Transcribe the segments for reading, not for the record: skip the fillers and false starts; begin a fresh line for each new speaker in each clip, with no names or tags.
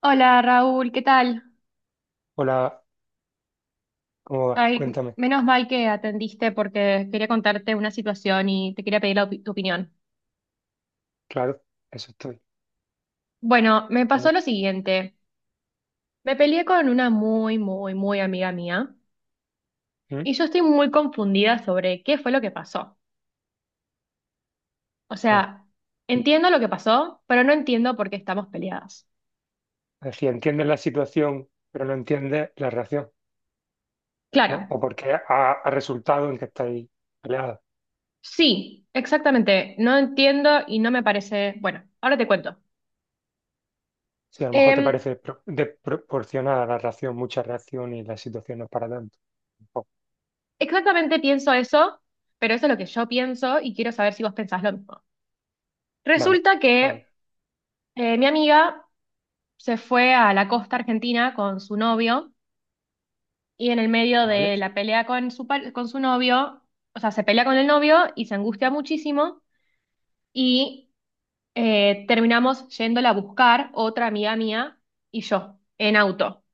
Hola Raúl, ¿qué tal?
Hola, ¿cómo vas?
Ay,
Cuéntame.
menos mal que atendiste porque quería contarte una situación y te quería pedir tu opinión.
Claro, eso estoy.
Bueno, me
A
pasó
ver.
lo siguiente. Me peleé con una muy, muy, muy amiga mía
¿Mm?
y yo estoy muy confundida sobre qué fue lo que pasó. O
Ah,
sea, entiendo lo que pasó, pero no entiendo por qué estamos peleadas.
decía, entiendes la situación, pero no entiendes la reacción,
Claro,
¿no? O porque ha resultado en que estáis peleados.
sí, exactamente. No entiendo y no me parece... Bueno, ahora te cuento.
Si a lo mejor te
Em,
parece desproporcionada la reacción, mucha reacción y la situación no es para tanto. Oh,
Exactamente pienso eso, pero eso es lo que yo pienso y quiero saber si vos pensás lo mismo.
vale,
Resulta
pues,
que mi amiga se fue a la costa argentina con su novio y en el medio
vale.
de la pelea con con su novio, o sea, se pelea con el novio y se angustia muchísimo y terminamos yéndola a buscar otra amiga mía y yo en auto.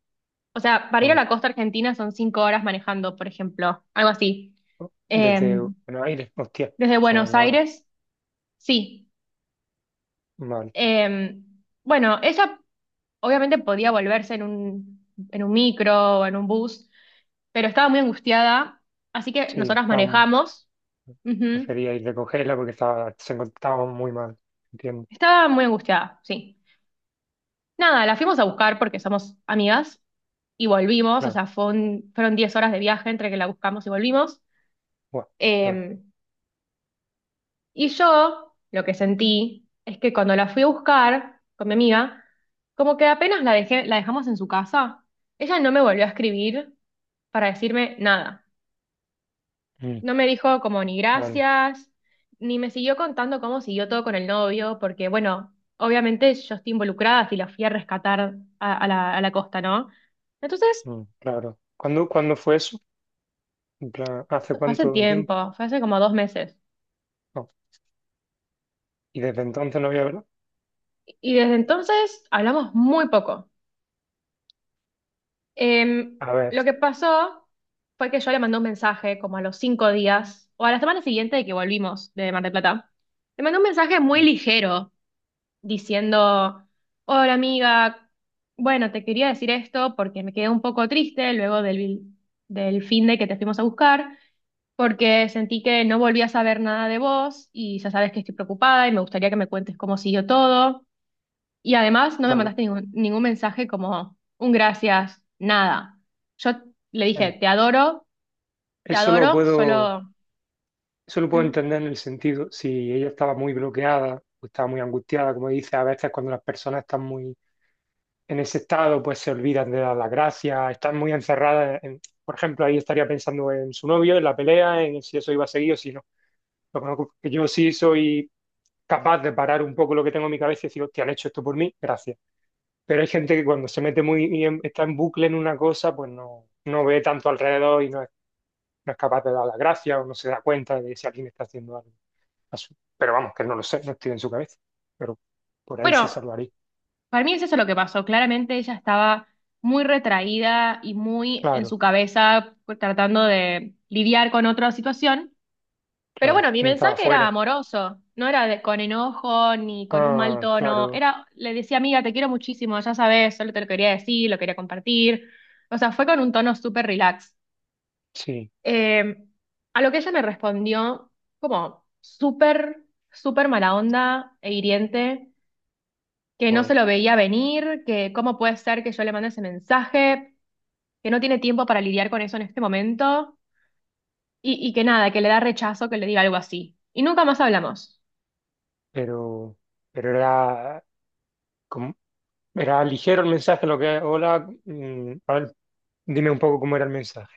O sea, para ir a
Ah,
la costa argentina son 5 horas manejando, por ejemplo, algo así.
oh, desde
Em,
Buenos Aires, hostia,
desde Buenos
son horas.
Aires, sí.
Vale,
Eh, bueno, ella obviamente podía volverse en en un micro o en un bus, pero estaba muy angustiada, así que
sí,
nosotras
tan,
manejamos. Ujú.
prefería ir a recogerla porque estaba, se encontraba muy mal. Entiendo,
Estaba muy angustiada, sí. Nada, la fuimos a buscar porque somos amigas y volvimos, o
claro.
sea, fueron 10 horas de viaje entre que la buscamos y volvimos.
Buah, a ver,
Eh, y yo lo que sentí es que cuando la fui a buscar con mi amiga, como que apenas la dejamos en su casa, ella no me volvió a escribir para decirme nada.
mm,
No me dijo como ni
vale.
gracias, ni me siguió contando cómo siguió todo con el novio, porque bueno, obviamente yo estoy involucrada si la fui a rescatar a la costa, ¿no? Entonces,
Mm, claro. ¿Cuándo fue eso? En plan, ¿hace
esto fue hace
cuánto tiempo?
tiempo, fue hace como 2 meses.
No. Y desde entonces no había hablado.
Y desde entonces hablamos muy poco. Em,
A ver,
lo que pasó fue que yo le mandé un mensaje como a los 5 días, o a la semana siguiente de que volvimos de Mar del Plata. Le mandé un mensaje muy
no,
ligero, diciendo, hola amiga, bueno, te quería decir esto porque me quedé un poco triste luego del fin de que te fuimos a buscar, porque sentí que no volví a saber nada de vos y ya sabes que estoy preocupada y me gustaría que me cuentes cómo siguió todo. Y además no me
claro.
mandaste ningún mensaje como un gracias, nada. Yo le dije,
Bueno,
te
eso lo
adoro,
puedo,
solo...
eso lo puedo
mm,
entender en el sentido, si ella estaba muy bloqueada o estaba muy angustiada, como dice, a veces cuando las personas están muy en ese estado, pues se olvidan de dar las gracias, están muy encerradas en, por ejemplo, ahí estaría pensando en su novio, en la pelea, en si eso iba a seguir o si no. Lo conozco, que yo sí soy capaz de parar un poco lo que tengo en mi cabeza y decir, hostia, han hecho esto por mí, gracias. Pero hay gente que cuando se mete muy está en bucle en una cosa, pues no, no ve tanto alrededor y no es capaz de dar las gracias o no se da cuenta de si alguien está haciendo algo. Pero vamos, que no lo sé, no estoy en su cabeza. Pero por ahí se
Bueno,
salvaría.
para mí es eso lo que pasó. Claramente ella estaba muy retraída y muy en
Claro,
su cabeza pues, tratando de lidiar con otra situación. Pero
claro.
bueno, mi
Y no estaba
mensaje era
fuera.
amoroso, no era con enojo ni con un mal
Ah,
tono.
claro,
Era, le decía, amiga, te quiero muchísimo, ya sabes, solo te lo quería decir, lo quería compartir. O sea, fue con un tono súper relax.
sí.
Eh, a lo que ella me respondió como súper, súper mala onda e hiriente que no se
Bueno,
lo veía venir, que cómo puede ser que yo le mande ese mensaje, que no tiene tiempo para lidiar con eso en este momento y que nada, que le da rechazo que le diga algo así. Y nunca más hablamos.
pero, pero era, como, era ligero el mensaje, lo que, hola, a ver, dime un poco cómo era el mensaje.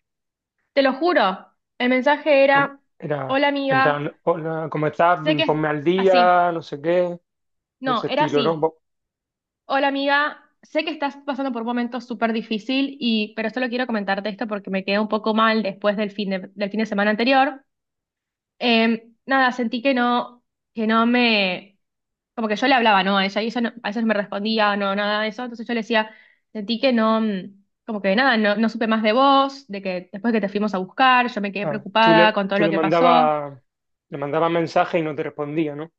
Te lo juro, el mensaje
No,
era,
era,
hola
en
amiga,
plan, hola, ¿cómo estás?
sé
Mm,
que es
ponme al
así.
día, no sé qué. De ese
No, era
estilo, ¿no?
así. Hola amiga, sé que estás pasando por un momento súper difícil pero solo quiero comentarte esto porque me quedé un poco mal después del fin de semana anterior. Nada, sentí que no me como que yo le hablaba, ¿no? A ella y ella no- a veces no me respondía, no, nada de eso. Entonces yo le decía, sentí que no, mm, como que nada, no supe más de vos, de que después que te fuimos a buscar, yo me quedé
Ah, tú le,
preocupada con todo
tú
lo
le
que pasó.
mandabas le mandabas mensaje y no te respondía, ¿no?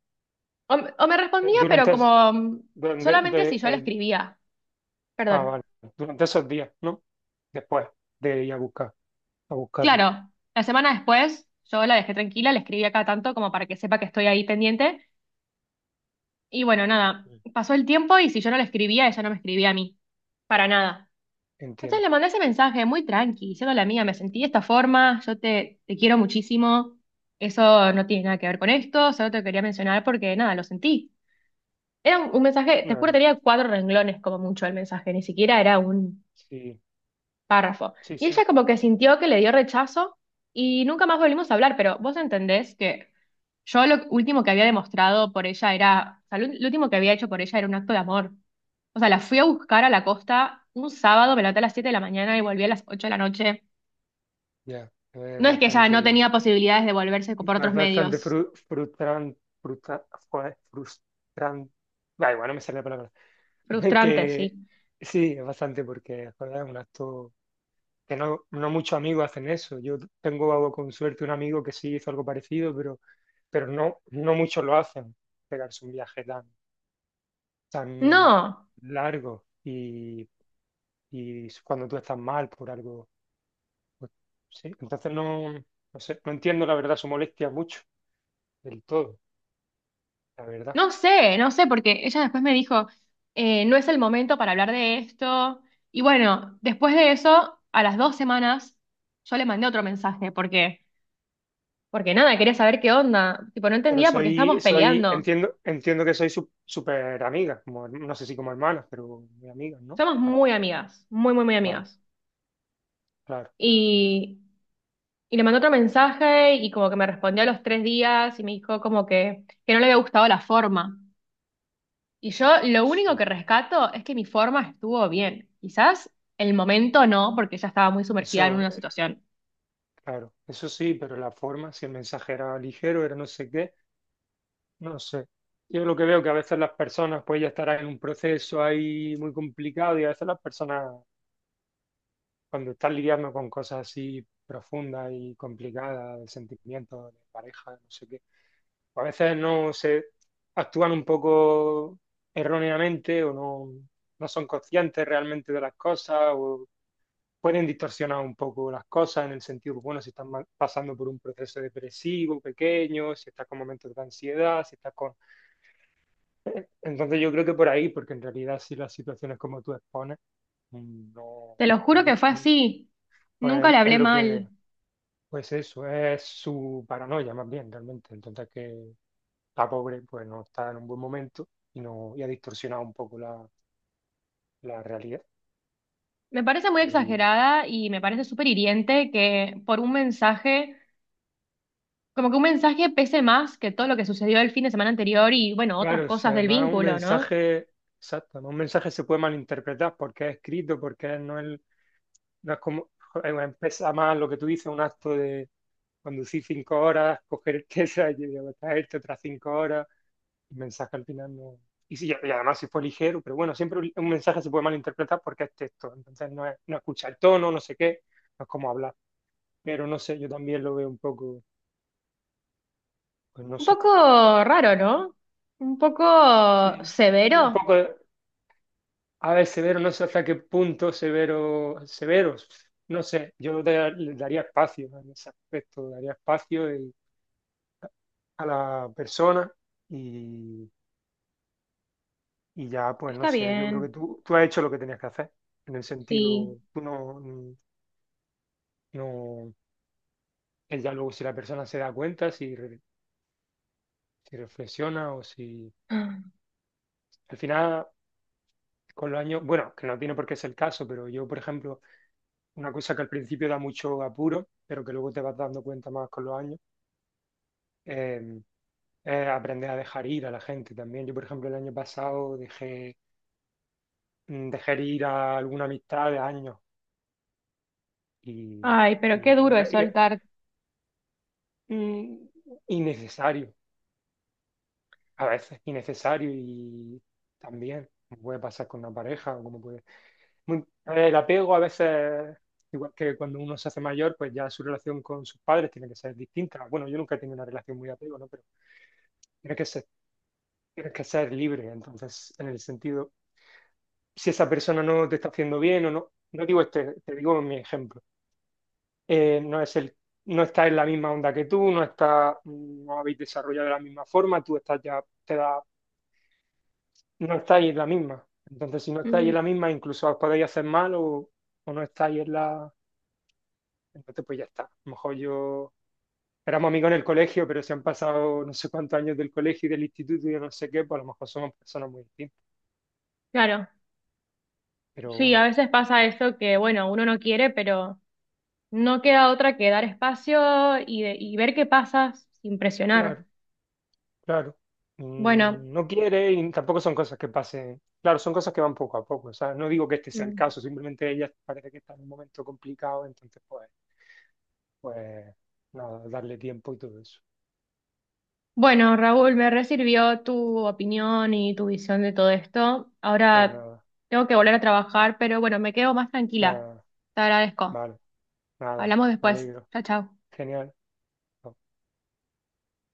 O me respondía, pero
Durante, es-
como mm,
durante,
solamente si
de-
yo la
el-
escribía.
ah,
Perdón.
vale. Durante esos días, ¿no? Después de ir a buscar, a buscarla.
Claro, la semana después yo la dejé tranquila, le escribí acá tanto como para que sepa que estoy ahí pendiente. Y bueno, nada,
Mm.
pasó el tiempo y si yo no le escribía, ella no me escribía a mí, para nada. Entonces
Entiendo,
le mandé ese mensaje muy tranqui, diciendo la amiga, me sentí de esta forma, te quiero muchísimo, eso no tiene nada que ver con esto, solo te quería mencionar porque nada, lo sentí. Era un mensaje, te juro,
claro.
tenía 4 renglones como mucho el mensaje, ni siquiera era un,
Sí,
párrafo.
sí,
Y
sí.
ella como que sintió que le dio rechazo y nunca más volvimos a hablar, pero vos entendés que yo lo último que había demostrado por ella era, o sea, lo último que había hecho por ella era un acto de amor. O sea, la fui a buscar a la costa un sábado, me levanté a las 7 de la mañana y volví a las 8 de la noche.
Ya.
No es que ella no tenía posibilidades de volverse
Es
por otros
bastante
medios.
joder, frustrante. Da igual, no me sale la palabra.
Frustrante,
Que
sí.
sí, es bastante porque joder, es un acto que no, no muchos amigos hacen eso. Yo tengo con suerte un amigo que sí hizo algo parecido, pero no, no muchos lo hacen, pegarse un viaje tan
No.
largo y cuando tú estás mal por algo. Pues, sí, entonces no, no sé, no entiendo la verdad su molestia mucho, del todo, la verdad.
No sé, no sé, porque ella después me dijo, no es el momento para hablar de esto. Y bueno, después de eso, a las 2 semanas, yo le mandé otro mensaje, porque nada, quería saber qué onda. Tipo, no
Pero
entendía porque estábamos peleando.
entiendo que súper amiga, como, no sé si como hermanas, pero muy amigas, ¿no?
Somos
Para,
muy amigas, muy, muy, muy
vale,
amigas.
claro,
Y, y le mandé otro mensaje y como que me respondió a los 3 días y me dijo como que no le había gustado la forma. Y yo lo único
sí.
que rescato es que mi forma estuvo bien. Quizás el momento no, porque ya estaba muy sumergida en
Eso,
una situación.
claro, eso sí, pero la forma, si el mensaje era ligero, era no sé qué, no sé. Yo lo que veo que a veces las personas pues ya estarán en un proceso ahí muy complicado y a veces las personas cuando están lidiando con cosas así profundas y complicadas, de sentimientos, de pareja, no sé qué, pues a veces no se actúan un poco erróneamente o no, no son conscientes realmente de las cosas o pueden distorsionar un poco las cosas en el sentido, bueno, si estás pasando por un proceso depresivo pequeño, si estás con momentos de ansiedad, si estás con... Entonces yo creo que por ahí, porque en realidad si las situaciones como tú expones, mm, no,
Te lo juro
no-
que fue
mm,
así. Nunca
pues
le
es
hablé
lo
mal.
que, pues eso, es su paranoia más bien realmente. Entonces que está pobre pues no está en un buen momento y, no, y ha distorsionado un poco la, la realidad.
Me parece muy
Es lo que yo.
exagerada y me parece súper hiriente que por un mensaje, como que un mensaje pese más que todo lo que sucedió el fin de semana anterior y bueno, otras
Claro, si
cosas del
además un
vínculo, ¿no?
mensaje, exacto, un mensaje se puede malinterpretar porque es escrito, porque no es como, joder, pesa más lo que tú dices, un acto de conducir cinco horas, coger esa y luego traerte otras cinco horas, el mensaje al final no. Y, sí, y además si fue ligero, pero bueno, siempre un mensaje se puede malinterpretar porque es texto, entonces no, es, no escucha el tono, no sé qué, no es como hablar, pero no sé, yo también lo veo un poco, pues no
Un
sé,
poco raro, ¿no? Un poco
sí, sí, un
severo.
poco. A ver, severo, no sé hasta qué punto severo, severos. No sé, le daría espacio ¿no? en ese aspecto, daría espacio y- a la persona y, y ya, pues no
Está
sé, yo creo que
bien,
tú has hecho lo que tenías que hacer, en el
sí.
sentido, tú no, no, es ya luego si la persona se da cuenta, si reflexiona o si, al final, con los años, bueno, que no tiene por qué ser el caso, pero yo, por ejemplo, una cosa que al principio da mucho apuro, pero que luego te vas dando cuenta más con los años eh, aprender a dejar ir a la gente también. Yo, por ejemplo, el año pasado dejé ir a alguna amistad de años y,
Ay, pero qué
y, a
duro
ve-
es
y,
soltar.
mm, innecesario, a veces innecesario y también como puede pasar con una pareja o como puede... El apego a veces, igual que cuando uno se hace mayor, pues ya su relación con sus padres tiene que ser distinta. Bueno, yo nunca he tenido una relación muy de apego, ¿no? Pero tienes que ser, tienes que ser libre, entonces, en el sentido si esa persona no te está haciendo bien o no, no digo este, te digo mi ejemplo. Eh, no es el, no está en la misma onda que tú, no está, no habéis desarrollado de la misma forma, tú estás ya, te da, no estáis en la misma. Entonces, si no estáis
Mm.
en la misma, incluso os podéis hacer mal o no estáis en la, entonces pues ya está. A lo mejor yo éramos amigos en el colegio, pero se han pasado no sé cuántos años del colegio y del instituto y de no sé qué, pues a lo mejor somos personas muy distintas.
Claro,
Pero
sí,
bueno,
a veces pasa eso que, bueno, uno no quiere, pero no queda otra que dar espacio y ver qué pasa sin presionar.
claro. Claro.
Bueno,
Mm, no quiere y tampoco son cosas que pasen. Claro, son cosas que van poco a poco. O sea, no digo que este sea el
mm.
caso, simplemente ella parece que está en un momento complicado, entonces pues, pues nada, darle tiempo y todo eso.
Bueno, Raúl, me resirvió tu opinión y tu visión de todo esto.
Pues
Ahora
nada,
tengo que volver a trabajar, pero bueno, me quedo más tranquila.
ya,
Te agradezco.
vale, nada,
Hablamos
me
después.
alegro.
Chao, chao.
Genial.